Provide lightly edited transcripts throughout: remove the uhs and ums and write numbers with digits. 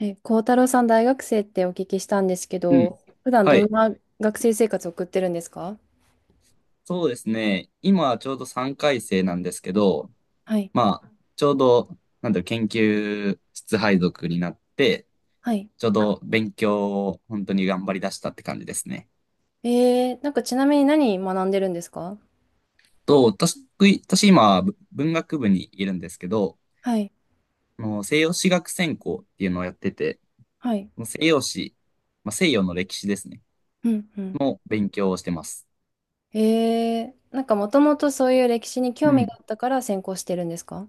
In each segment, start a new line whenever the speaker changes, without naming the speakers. え、幸太郎さん、大学生ってお聞きしたんですけ
うん。
ど、普段
は
どん
い。
な学生生活を送ってるんですか？
そうですね。今ちょうど3回生なんですけど、
はい。
まあ、ちょうど、なんだろう、研究室配属になって、
はい。
ちょうど勉強を本当に頑張り出したって感じですね。
なんかちなみに何学んでるんですか？
と、私、私今、文学部にいるんですけど、
はい。
あの西洋史学専攻っていうのをやってて、
はい。
西洋史、まあ、西洋の歴史ですね、
うん、うん。
の勉強をしてます。
なんかもともとそういう歴史に興
う
味
ん。
があったから専攻してるんですか？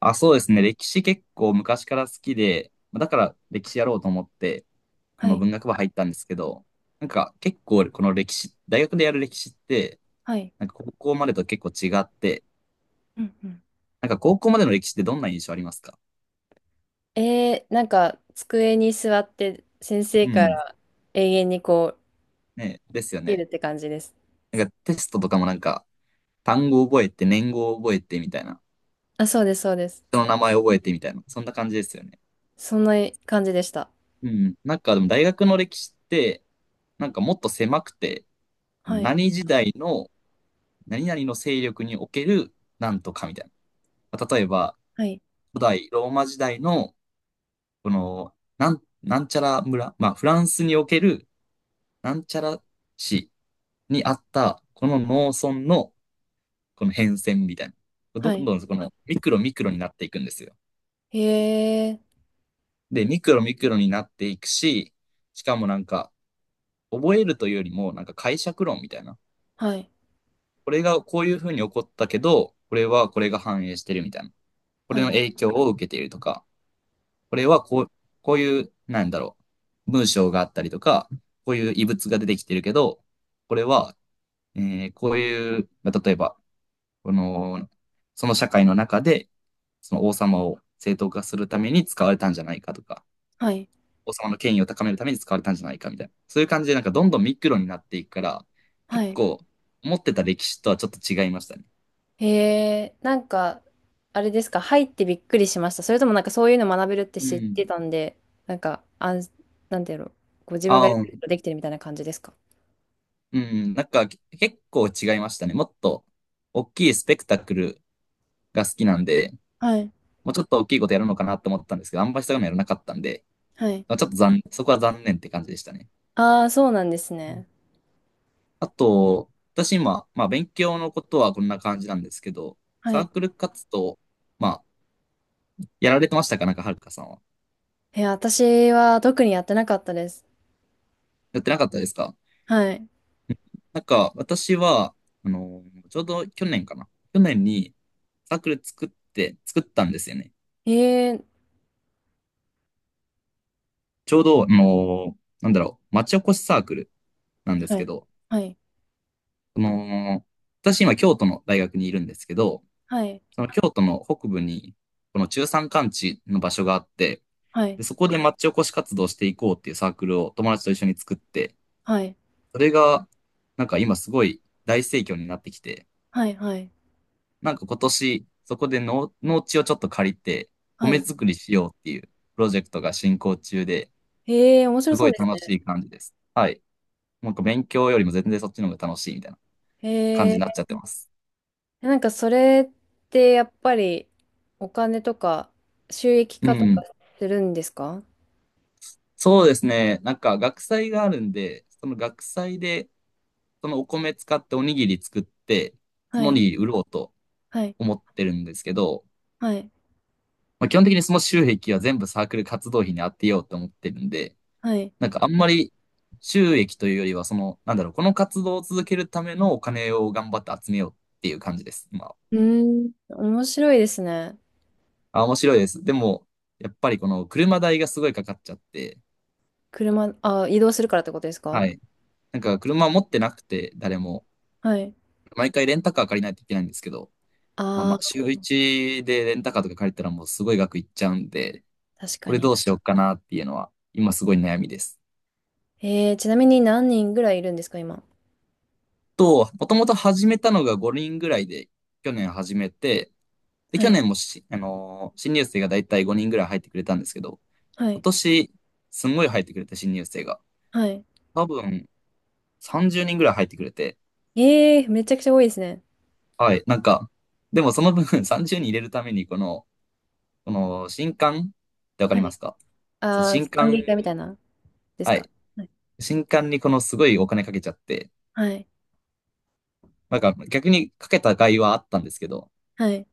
あ、そうですね。歴史結構昔から好きで、だから歴史やろうと思って、
は
まあ、
い。
文学部入ったんですけど、なんか結構この歴史、大学でやる歴史って、
はい。
なんか高校までと結構違って、
うんうん。
なんか高校までの歴史ってどんな印象ありますか？
なんか机に座って先生
う
か
ん。
ら永遠にこ
ね、ですよ
う、いる
ね。
って感じです。
なんかテストとかもなんか単語覚えて、年号覚えてみたいな、
あ、そうです、そうです。
人の名前覚えてみたいな、そんな感じですよね。
そんな感じでした。
うん。なんかでも大学の歴史って、なんかもっと狭くて、
はい。
何時代の何々の勢力におけるなんとかみたいな。例えば、
はい。
古代ローマ時代のこの、なんちゃら村、まあ、フランスにおける、なんちゃら市にあった、この農村の、この変遷みたいな。
は
どん
い。
どん、この、ミクロミクロになっていくんですよ。
へえ、
で、ミクロミクロになっていくし、しかもなんか、覚えるというよりも、なんか解釈論みたいな。
はい、
これがこういうふうに起こったけど、これはこれが反映してるみたいな。これ
は
の
い、
影響を受けているとか。これはこう、こういう、なんだろう、文章があったりとか、こういう異物が出てきてるけど、これは、えこういう、例えば、この、その社会の中で、その王様を正当化するために使われたんじゃないかとか、
はい、
王様の権威を高めるために使われたんじゃないかみたいな。そういう感じで、なんかどんどんミクロになっていくから、
は
結
い。
構、思ってた歴史とはちょっと違いましたね。
へえ、なんか、あれですか、入ってびっくりしました。それともなんかそういうの学べるって
う
知っ
ん。
てたんで、なんか、なんていうの、ご自分がや
あ
る
ー、
ことできてるみたいな感じですか？
うん、なんか結構違いましたね。もっと大きいスペクタクルが好きなんで、
はい、
もうちょっと大きいことやるのかなと思ったんですけど、あんまりそういやらなかったんで、
はい。
まあちょっとそこは残念って感じでしたね。
ああ、そうなんです
う
ね。
ん。あと、私今、まあ勉強のことはこんな感じなんですけど、
は
サー
い。
クル活動、まあ、やられてましたかなんか、はるかさんは？
え、私は特にやってなかったです。
やってなかったですか？
はい。
うん。なんか、私は、ちょうど去年かな。去年にサークル作ったんですよね。
ええ、
ちょうど、なんだろう、町おこしサークルなんです
は
け
い、
ど、
はい、
その、私今京都の大学にいるんですけど、
はい、
その京都の北部に、この中山間地の場所があって、
はい、
で、そこで町おこし活動していこうっていうサークルを友達と一緒に作って、
はい、
それが、なんか今すごい大盛況になってきて、
はい、はい、
なんか今年、そこで農地をちょっと借りて、
は
米
い。
作りしようっていうプロジェクトが進行中で、
ええ、面白
す
そ
ご
う
い
です
楽し
ね。
い感じです。はい。なんか勉強よりも全然そっちの方が楽しいみたいな感じになっ
え
ちゃってます。
なんかそれってやっぱりお金とか収益
う
化とか
ん。
するんですか？
そうですね。なんか学祭があるんで、その学祭でそのお米使っておにぎり作って、そ
は
のお
い、
にぎり売ろうと
はい、
思ってるんですけど、
はい、
まあ、基本的にその収益は全部サークル活動費に当てようと思ってるんで、
はい。
なんかあんまり収益というよりは、その、なんだろう、この活動を続けるためのお金を頑張って集めようっていう感じです、今は。
うーん、面白いですね。
あ、面白いです。でも、やっぱりこの車代がすごいかかっちゃって、
車、あ、移動するからってことですか？
はい。なんか車持ってなくて、誰も、
はい。
毎回レンタカー借りないといけないんですけど、まあ
あ
ま
あ、
あ、週一でレンタカーとか借りたらもうすごい額いっちゃうんで、
確
こ
か
れど
に。
うしようかなっていうのは、今すごい悩みです。
ちなみに何人ぐらいいるんですか、今。
もともと始めたのが5人ぐらいで、去年始めて、で、
は
去
い、
年新入生がだいたい5人ぐらい入ってくれたんですけど、
は
今
い、
年、すんごい入ってくれた新入生が、
はい。
多分30人ぐらい入ってくれて、
めちゃくちゃ多いですね。
はい、なんか、でもその分 30人入れるために、この新刊ってわか
は
りま
い。
すか？その
ああ、
新
歓
刊、
迎会みたいな、です
は
か？
い、
はい、
新刊にこのすごいお金かけちゃって、
はい、
なんか逆にかけた甲斐はあったんですけど、
はい。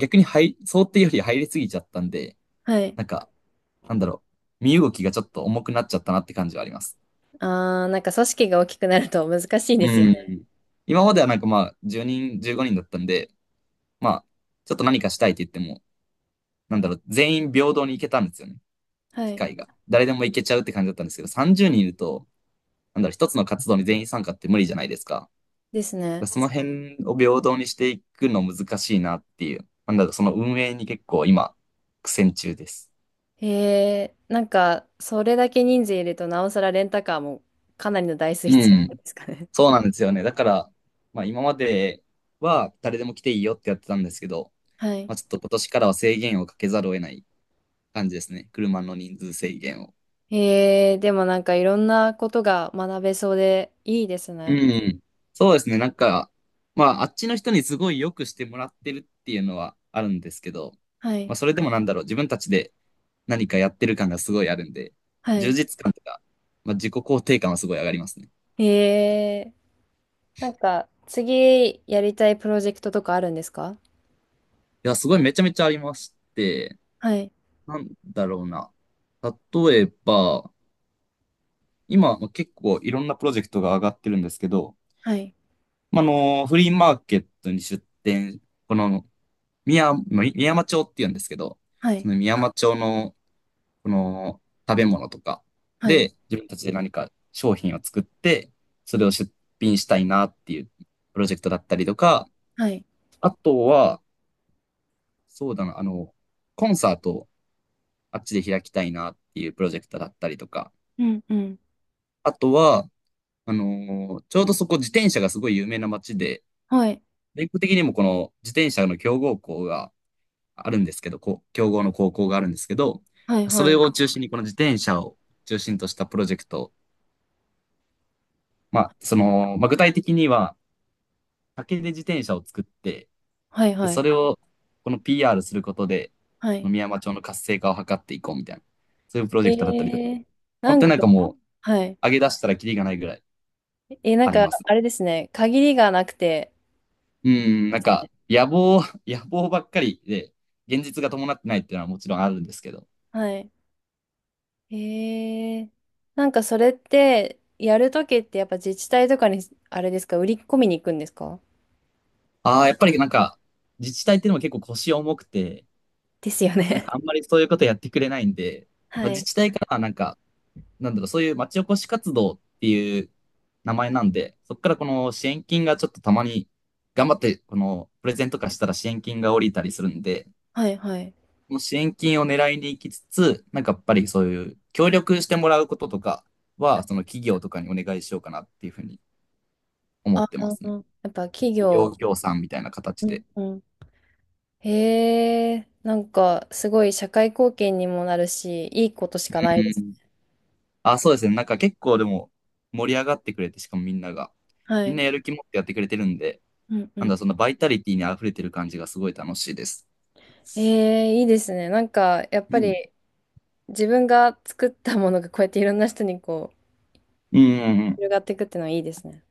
逆に入、想定より入りすぎちゃったんで、
はい。
なんか、なんだろう、身動きがちょっと重くなっちゃったなって感じはあります。
ああー、なんか組織が大きくなると難しいで
う
すよね。
ん。今まではなんかまあ、10人、15人だったんで、まあ、ちょっと何かしたいって言っても、なんだろう、全員平等に行けたんですよね、
は
機
い。
会が。誰でも行けちゃうって感じだったんですけど、30人いると、なんだろう、一つの活動に全員参加って無理じゃないですか。
ですね。
その辺を平等にしていくの難しいなっていう、なんだろう、その運営に結構今、苦戦中です。
へえ、なんか、それだけ人数いると、なおさらレンタカーもかなりの台数
う
必要ん
ん。
ですかね？
そうなんですよね。だから、まあ、今までは誰でも来ていいよってやってたんですけど、
はい。
まあ、ちょっと今年からは制限をかけざるを得ない感じですね。車の人数制限を。
へえ、でもなんかいろんなことが学べそうでいいです
う
ね。
ん。そうですね。なんか、まあ、あっちの人にすごい良くしてもらってるっていうのはあるんですけど、
は
ま
い。
あ、それでもなんだろう、自分たちで何かやってる感がすごいあるんで、
は
充
い。
実感とか、まあ、自己肯定感はすごい上がりますね。
へえ、なんか、次やりたいプロジェクトとかあるんですか？
いや、すごいめちゃめちゃありまして、
はい。
なんだろうな。例えば、今、まあ結構いろんなプロジェクトが上がってるんですけど、
はい。
まあ、フリーマーケットに出店、この宮、まあみ宮山町って言うんですけど、
は
そ
い。
の宮山町の、この食べ物とか
はい。
で、自分たちで何か商品を作って、それを出品したいなっていうプロジェクトだったりとか、
はい。
あとは、そうだな、コンサートをあっちで開きたいなっていうプロジェクトだったりとか、
うんうん。
あとは、ちょうどそこ自転車がすごい有名な街で、
はい。
全国的にもこの自転車の強豪校があるんですけど、こう強豪の高校があるんですけど、
はい。
そ
は
れ
い。
を中心にこの自転車を中心としたプロジェクト、まあ、その、まあ、具体的には竹で自転車を作って、
はい。
で、
は
そ
い。
れをこの PR することで、
はい。
宮山町の活性化を図っていこうみたいな、そういうプロジ
え
ェクトだったりとか、
ー、な
本
ん
当になん
か、
かもう
はい。
上げ出したらキリがないぐらい
なん
あり
か、
ます。
あれですね。限りがなくて、
うん、
で
なん
すね。
か野望、野望ばっかりで、現実が伴ってないっていうのはもちろんあるんですけど、
はい。へえ。なんかそれって、やるときってやっぱ自治体とかに、あれですか、売り込みに行くんですか？
ああ、やっぱりなんか、自治体っていうのも結構腰重くて、
ですよ
なん
ね。
かあんまりそういうことやってくれないんで、
は
まあ、自
い。
治体からはなんか、なんだろう、そういう町おこし活動っていう名前なんで、そこからこの支援金がちょっとたまに、頑張って、このプレゼント化したら支援金が降りたりするんで、
はい、はい。
この支援金を狙いに行きつつ、なんかやっぱりそういう協力してもらうこととかは、その企業とかにお願いしようかなっていうふうに思
あ、
ってますね。
うんやっぱ企
企業
業。
協賛みたいな
う
形
ん、
で。
うん。へえ。なんかすごい社会貢献にもなるし、いいことしかな
う
いです。
ん。あ、そうですね。なんか結構でも盛り上がってくれて、しかもみんなが。
は
みん
い。
なやる気持ってやってくれてるんで、
うん、う
なんだ、
ん。
そのバイタリティに溢れてる感じがすごい楽しいです。
へえ、いいですね。なんかやっぱ
うん。
り自分が作ったものがこうやっていろんな人にこう、
うんうんうん。
広がっていくっていうのはいいですね。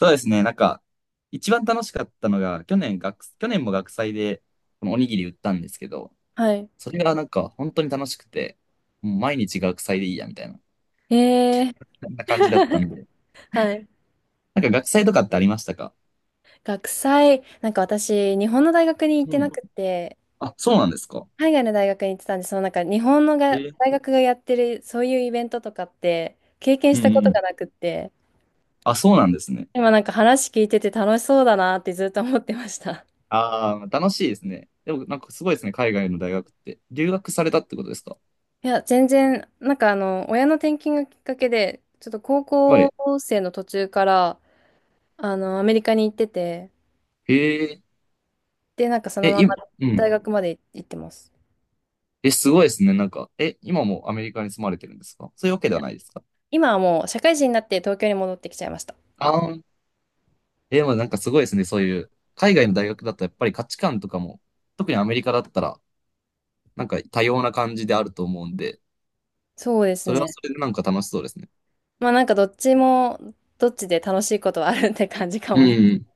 そうですね。なんか、一番楽しかったのが、去年も学祭で、このおにぎり売ったんですけど、
はい。
それがなんか本当に楽しくて、もう毎日学祭でいいや、みたいな、
へえ。
そんな感じだったんで。
はい。
なんか学祭とかってありましたか？
学祭、なんか私、日本の大学に行って
う
な
ん。
くて、
あ、そうなんですか。
海外の大学に行ってたんで、そのなんか日本の
え
が
ー
大学がやってるそういうイベントとかって経験
う
し
ん
た
う
こ
ん
と
うん。
がなくって、
あ、そうなんですね。
今なんか話聞いてて楽しそうだなってずっと思ってました。
ああ、楽しいですね。でも、なんかすごいですね、海外の大学って。留学されたってことですか？
いや、全然、なんか親の転勤がきっかけで、ちょっと高
は
校
い。
生の途中から、アメリカに行ってて、
へえ、
で、なんかその
え、
まま
今、う
大
ん。
学まで行ってます。
え、すごいですね、なんか。え、今もアメリカに住まれてるんですか？そういうわけ
い
では
や、
ないですか？
今はもう社会人になって東京に戻ってきちゃいました。
ああー、え、まあなんかすごいですね、そういう、海外の大学だとやっぱり価値観とかも、特にアメリカだったら、なんか多様な感じであると思うんで、
そうです
それは
ね。
それでなんか楽しそうですね。
まあなんかどっちも、どっちで楽しいことはあるって感じか
う
もね。
ん。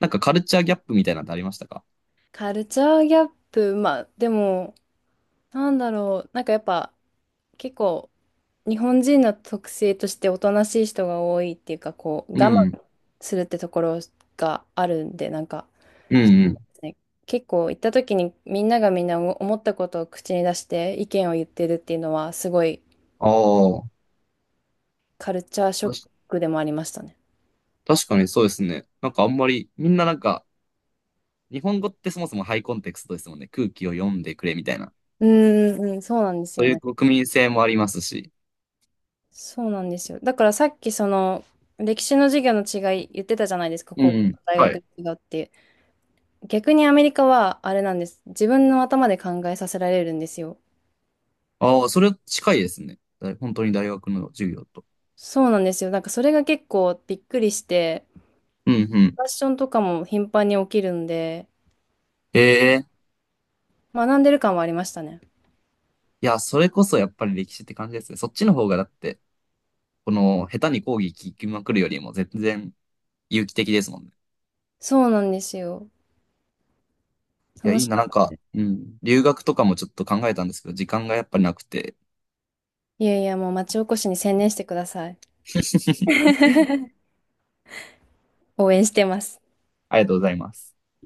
なんかカルチャーギャップみたいなのってありましたか？
カルチャーギャップ、まあでも、なんだろう、なんかやっぱ結構日本人の特性としておとなしい人が多いっていうか、こう我
うん。
慢するってところがあるんで、なんか、
うんうん。
ね、結構行った時にみんながみんな思ったことを口に出して意見を言ってるっていうのはすごい
あ
カルチャーショッ
あ。
クでもありましたね。
確かにそうですね。なんかあんまり、みんななんか、日本語ってそもそもハイコンテクストですもんね。空気を読んでくれみたいな。
うーん、うん、そうなんです
そ
よ
ういう
ね。
国民性もありますし。
そうなんですよ。だからさっきその歴史の授業の違い言ってたじゃないですか、
う
高校
ん。
と大
は
学
い。
で違うって。逆にアメリカはあれなんです。自分の頭で考えさせられるんですよ。
ああ、それ近いですね。だ本当に大学の授業と。
そうなんですよ。なんかそれが結構びっくりして、
うんうん。
ファッションとかも頻繁に起きるんで、
ええ。
学んでる感はありましたね。
いや、それこそやっぱり歴史って感じですね。そっちの方がだって、この下手に講義聞きまくるよりも全然有機的ですもんね。
そうなんですよ。
いや、
楽
いい
し
な、
か
な
っ
ん
た
か、
です。
うん。留学とかもちょっと考えたんですけど、時間がやっぱりなくて。
いやいや、もう町おこしに専念してください。応援してます。
ありがとうございます。